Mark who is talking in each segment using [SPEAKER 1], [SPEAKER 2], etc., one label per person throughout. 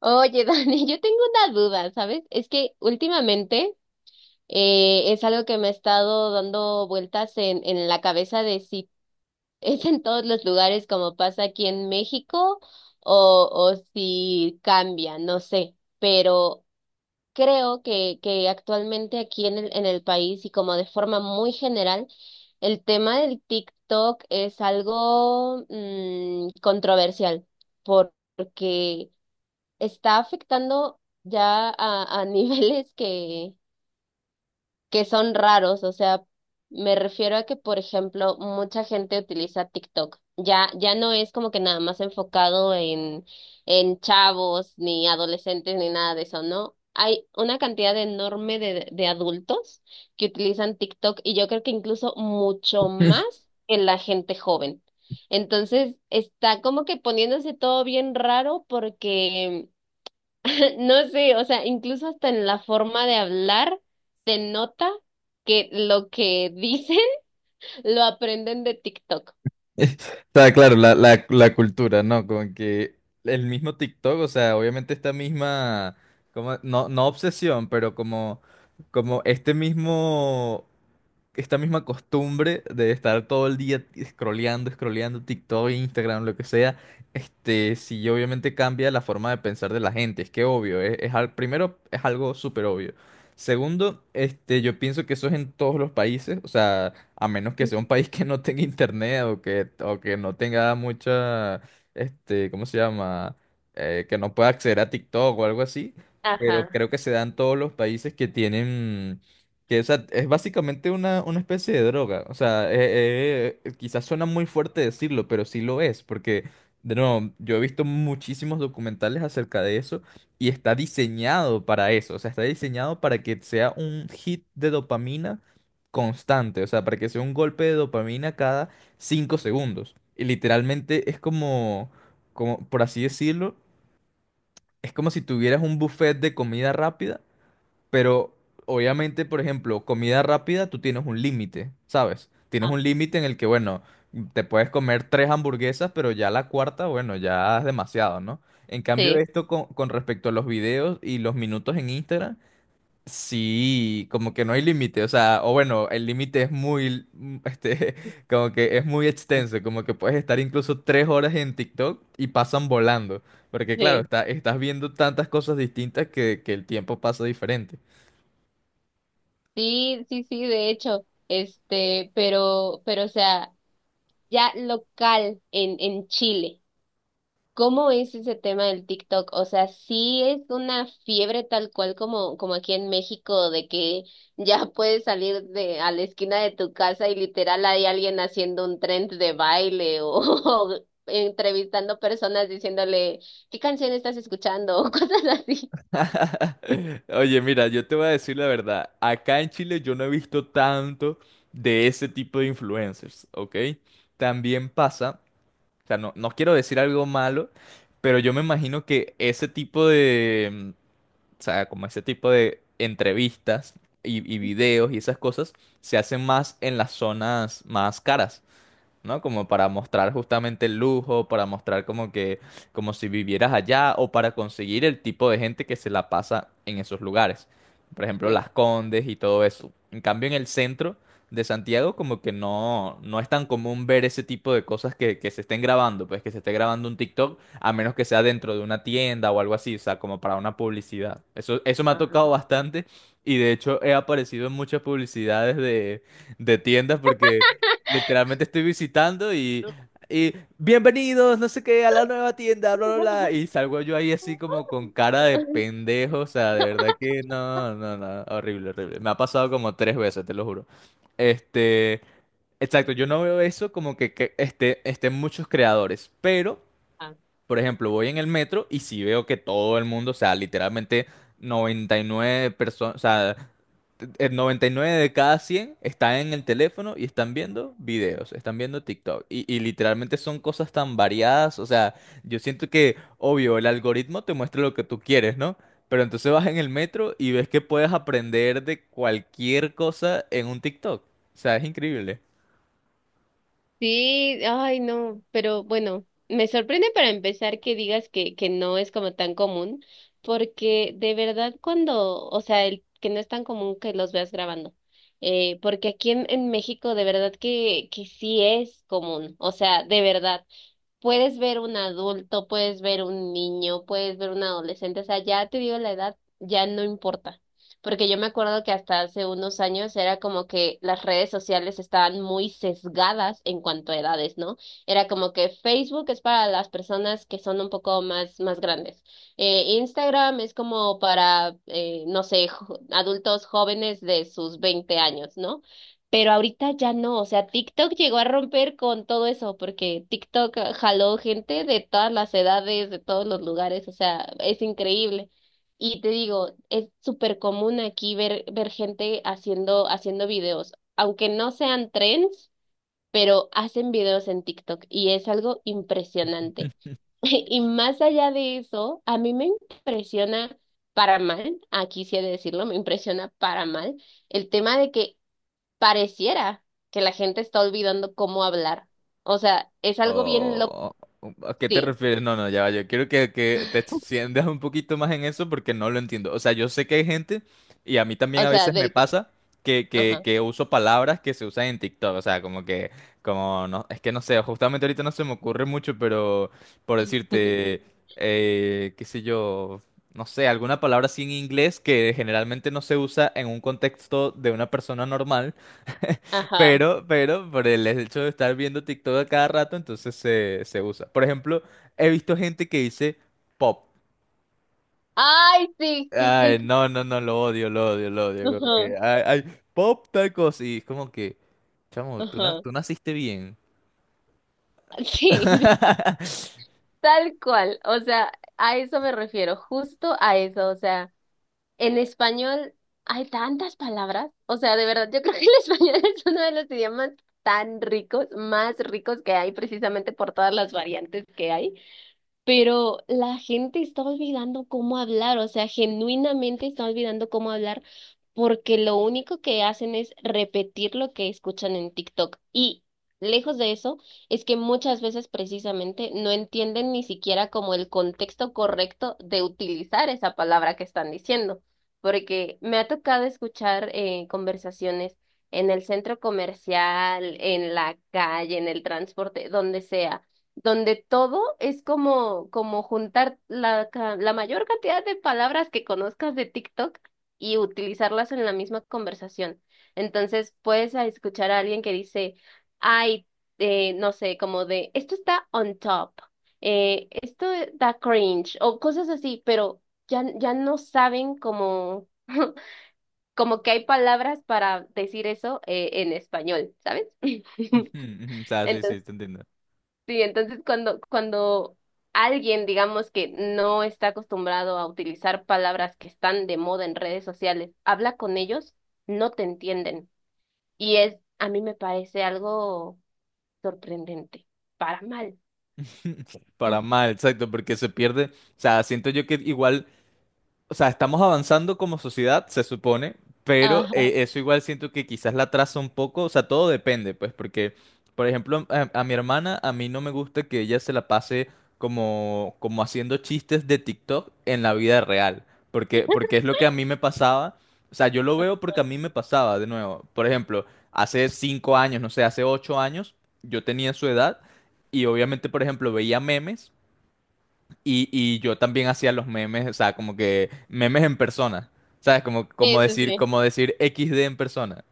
[SPEAKER 1] Oye, Dani, yo tengo una duda, ¿sabes? Es que últimamente es algo que me ha estado dando vueltas en la cabeza de si es en todos los lugares como pasa aquí en México o si cambia, no sé, pero creo que actualmente aquí en el país y como de forma muy general, el tema del TikTok es algo controversial porque está afectando ya a niveles que son raros. O sea, me refiero a que, por ejemplo, mucha gente utiliza TikTok. Ya no es como que nada más enfocado en chavos, ni adolescentes, ni nada de eso, ¿no? Hay una cantidad enorme de adultos que utilizan TikTok y yo creo que incluso mucho más que la gente joven. Entonces, está como que poniéndose todo bien raro porque no sé, o sea, incluso hasta en la forma de hablar se nota que lo que dicen lo aprenden de TikTok.
[SPEAKER 2] Está claro, la cultura, ¿no? Como que el mismo TikTok, o sea, obviamente esta misma, como, no obsesión, pero como, como este mismo esta misma costumbre de estar todo el día scrolleando TikTok, Instagram, lo que sea, sí obviamente cambia la forma de pensar de la gente, es que obvio, primero es algo súper obvio. Segundo, yo pienso que eso es en todos los países, o sea, a menos que sea un país que no tenga internet o que no tenga mucha, ¿cómo se llama? Que no pueda acceder a TikTok o algo así, pero
[SPEAKER 1] Ajá.
[SPEAKER 2] creo que se da en todos los países que tienen que, o sea, es básicamente una especie de droga. O sea, quizás suena muy fuerte decirlo, pero sí lo es, porque, de nuevo, yo he visto muchísimos documentales acerca de eso y está diseñado para eso. O sea, está diseñado para que sea un hit de dopamina constante. O sea, para que sea un golpe de dopamina cada 5 segundos. Y literalmente es como, como, por así decirlo, es como si tuvieras un buffet de comida rápida, pero obviamente, por ejemplo, comida rápida, tú tienes un límite, ¿sabes? Tienes
[SPEAKER 1] Ah,
[SPEAKER 2] un límite en el que, bueno, te puedes comer tres hamburguesas, pero ya la cuarta, bueno, ya es demasiado, ¿no? En cambio,
[SPEAKER 1] sí,
[SPEAKER 2] esto con respecto a los videos y los minutos en Instagram, sí, como que no hay límite, o sea, o bueno, el límite es muy, como que es muy extenso, como que puedes estar incluso 3 horas en TikTok y pasan volando, porque claro,
[SPEAKER 1] sí.
[SPEAKER 2] estás viendo tantas cosas distintas que el tiempo pasa diferente.
[SPEAKER 1] Sí, sí, sí, de hecho, pero, o sea, ya local en Chile. ¿Cómo es ese tema del TikTok? O sea, sí es una fiebre tal cual como, como aquí en México, de que ya puedes salir de a la esquina de tu casa y literal hay alguien haciendo un trend de baile o, o entrevistando personas diciéndole, ¿qué canción estás escuchando? o cosas así.
[SPEAKER 2] Oye, mira, yo te voy a decir la verdad. Acá en Chile yo no he visto tanto de ese tipo de influencers, ¿ok? También pasa, o sea, no quiero decir algo malo, pero yo me imagino que ese tipo de, o sea, como ese tipo de entrevistas y videos y esas cosas se hacen más en las zonas más caras, ¿no? Como para mostrar justamente el lujo, para mostrar como que, como si vivieras allá o para conseguir el tipo de gente que se la pasa en esos lugares. Por ejemplo,
[SPEAKER 1] Sí.
[SPEAKER 2] Las Condes y todo eso. En cambio, en el centro de Santiago como que no, no es tan común ver ese tipo de cosas que se estén grabando, pues que se esté grabando un TikTok, a menos que sea dentro de una tienda o algo así, o sea, como para una publicidad. Eso me ha tocado
[SPEAKER 1] Ajá.
[SPEAKER 2] bastante y de hecho he aparecido en muchas publicidades de tiendas porque literalmente estoy visitando y bienvenidos, no sé qué, a la nueva tienda, bla, bla, bla. Y salgo yo ahí así como con cara de pendejo, o sea, de verdad que no, no, no, horrible, horrible. Me ha pasado como tres veces, te lo juro. Este, exacto, yo no veo eso como que, estén muchos creadores, pero... Por ejemplo, voy en el metro y si veo que todo el mundo, o sea, literalmente 99 personas, o sea, el 99 de cada 100 están en el teléfono y están viendo videos, están viendo TikTok. Y literalmente son cosas tan variadas. O sea, yo siento que, obvio, el algoritmo te muestra lo que tú quieres, ¿no? Pero entonces vas en el metro y ves que puedes aprender de cualquier cosa en un TikTok. O sea, es increíble.
[SPEAKER 1] Sí, ay, no, pero bueno, me sorprende para empezar que digas que no es como tan común, porque de verdad cuando, o sea, el que no es tan común que los veas grabando, porque aquí en México de verdad que sí es común, o sea, de verdad. Puedes ver un adulto, puedes ver un niño, puedes ver un adolescente, o sea, ya te digo la edad, ya no importa. Porque yo me acuerdo que hasta hace unos años era como que las redes sociales estaban muy sesgadas en cuanto a edades, ¿no? Era como que Facebook es para las personas que son un poco más, más grandes. Instagram es como para, no sé, adultos jóvenes de sus 20 años, ¿no? Pero ahorita ya no, o sea, TikTok llegó a romper con todo eso, porque TikTok ah, jaló gente de todas las edades, de todos los lugares, o sea, es increíble. Y te digo, es súper común aquí ver gente haciendo videos, aunque no sean trends, pero hacen videos en TikTok y es algo impresionante. Y más allá de eso, a mí me impresiona para mal, aquí sí he de decirlo, me impresiona para mal el tema de que pareciera que la gente está olvidando cómo hablar. O sea, es algo bien loco.
[SPEAKER 2] Oh, ¿a qué te
[SPEAKER 1] Sí,
[SPEAKER 2] refieres? No, no, ya va, yo quiero que te extiendas un poquito más en eso porque no lo entiendo. O sea, yo sé que hay gente, y a mí también
[SPEAKER 1] o
[SPEAKER 2] a
[SPEAKER 1] sea,
[SPEAKER 2] veces me
[SPEAKER 1] del que.
[SPEAKER 2] pasa,
[SPEAKER 1] Ajá.
[SPEAKER 2] que uso palabras que se usan en TikTok. O sea, como que, como, no, es que no sé, justamente ahorita no se me ocurre mucho, pero por decirte, qué sé yo, no sé, alguna palabra así en inglés que generalmente no se usa en un contexto de una persona normal,
[SPEAKER 1] Ajá.
[SPEAKER 2] pero, por el hecho de estar viendo TikTok a cada rato, entonces se usa. Por ejemplo, he visto gente que dice pop.
[SPEAKER 1] Ay, sí, sí,
[SPEAKER 2] Ay,
[SPEAKER 1] sí. Sí.
[SPEAKER 2] no, no, no, lo odio, lo odio, lo odio. Como
[SPEAKER 1] Ajá,
[SPEAKER 2] que, ay, ay, pop tal cosa. Y es como que, chamo, tú,
[SPEAKER 1] ajá.
[SPEAKER 2] tú naciste bien.
[SPEAKER 1] Sí, tal cual. O sea, a eso me refiero, justo a eso. O sea, en español hay tantas palabras. O sea, de verdad, yo creo que el español es uno de los idiomas tan ricos, más ricos que hay, precisamente por todas las variantes que hay. Pero la gente está olvidando cómo hablar, o sea, genuinamente está olvidando cómo hablar porque lo único que hacen es repetir lo que escuchan en TikTok. Y lejos de eso, es que muchas veces precisamente no entienden ni siquiera como el contexto correcto de utilizar esa palabra que están diciendo. Porque me ha tocado escuchar conversaciones en el centro comercial, en la calle, en el transporte, donde sea donde todo es como, como juntar la mayor cantidad de palabras que conozcas de TikTok y utilizarlas en la misma conversación. Entonces puedes a escuchar a alguien que dice, ay, no sé, como de, esto está on top, esto da cringe o cosas así, pero ya no saben como, como que hay palabras para decir eso en español, ¿sabes?
[SPEAKER 2] Ujú, ujú. O sea, sí, sí,
[SPEAKER 1] Entonces
[SPEAKER 2] te entiendo.
[SPEAKER 1] sí, entonces cuando alguien, digamos que no está acostumbrado a utilizar palabras que están de moda en redes sociales, habla con ellos, no te entienden. Y es, a mí me parece algo sorprendente, para mal.
[SPEAKER 2] Para mal, exacto, porque se pierde. O sea, siento yo que igual, o sea, estamos avanzando como sociedad, se supone, pero
[SPEAKER 1] Ajá.
[SPEAKER 2] eso igual siento que quizás la atrasa un poco, o sea, todo depende, pues, porque, por ejemplo, a mi hermana, a mí no me gusta que ella se la pase como, como haciendo chistes de TikTok en la vida real, porque, porque es lo que a mí me pasaba, o sea, yo lo veo porque a mí me pasaba, de nuevo, por ejemplo, hace 5 años, no sé, hace 8 años, yo tenía su edad y obviamente, por ejemplo, veía memes. Y yo también hacía los memes, o sea, como que memes en persona, ¿sabes? Como,
[SPEAKER 1] Sí, sí, sí.
[SPEAKER 2] como decir XD en persona,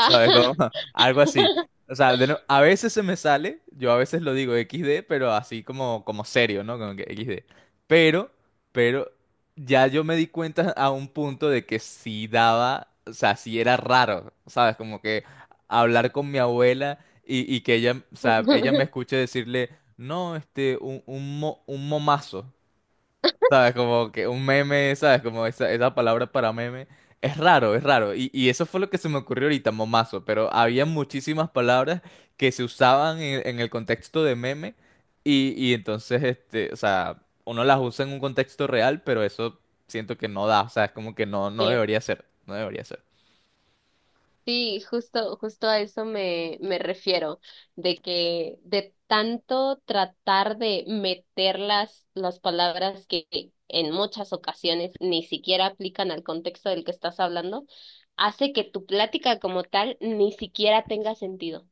[SPEAKER 2] ¿sabes? Como algo así. O sea, de no- a veces se me sale, yo a veces lo digo XD, pero así como, como serio, ¿no? Como que XD. Pero, pero ya yo me di cuenta a un punto de que sí daba, o sea, sí era raro, ¿sabes? Como que hablar con mi abuela y que ella, o sea, ella me escuche decirle, no, un momazo. ¿Sabes? Como que un meme, ¿sabes? Como esa palabra para meme. Es raro, es raro. Y eso fue lo que se me ocurrió ahorita, momazo. Pero había muchísimas palabras que se usaban en el contexto de meme. Y entonces, o sea, uno las usa en un contexto real, pero eso siento que no da. O sea, es como que no, no
[SPEAKER 1] Sí.
[SPEAKER 2] debería ser. No debería ser.
[SPEAKER 1] Sí, justo, justo a eso me, me refiero, de que de tanto tratar de meter las palabras que en muchas ocasiones ni siquiera aplican al contexto del que estás hablando, hace que tu plática como tal ni siquiera tenga sentido.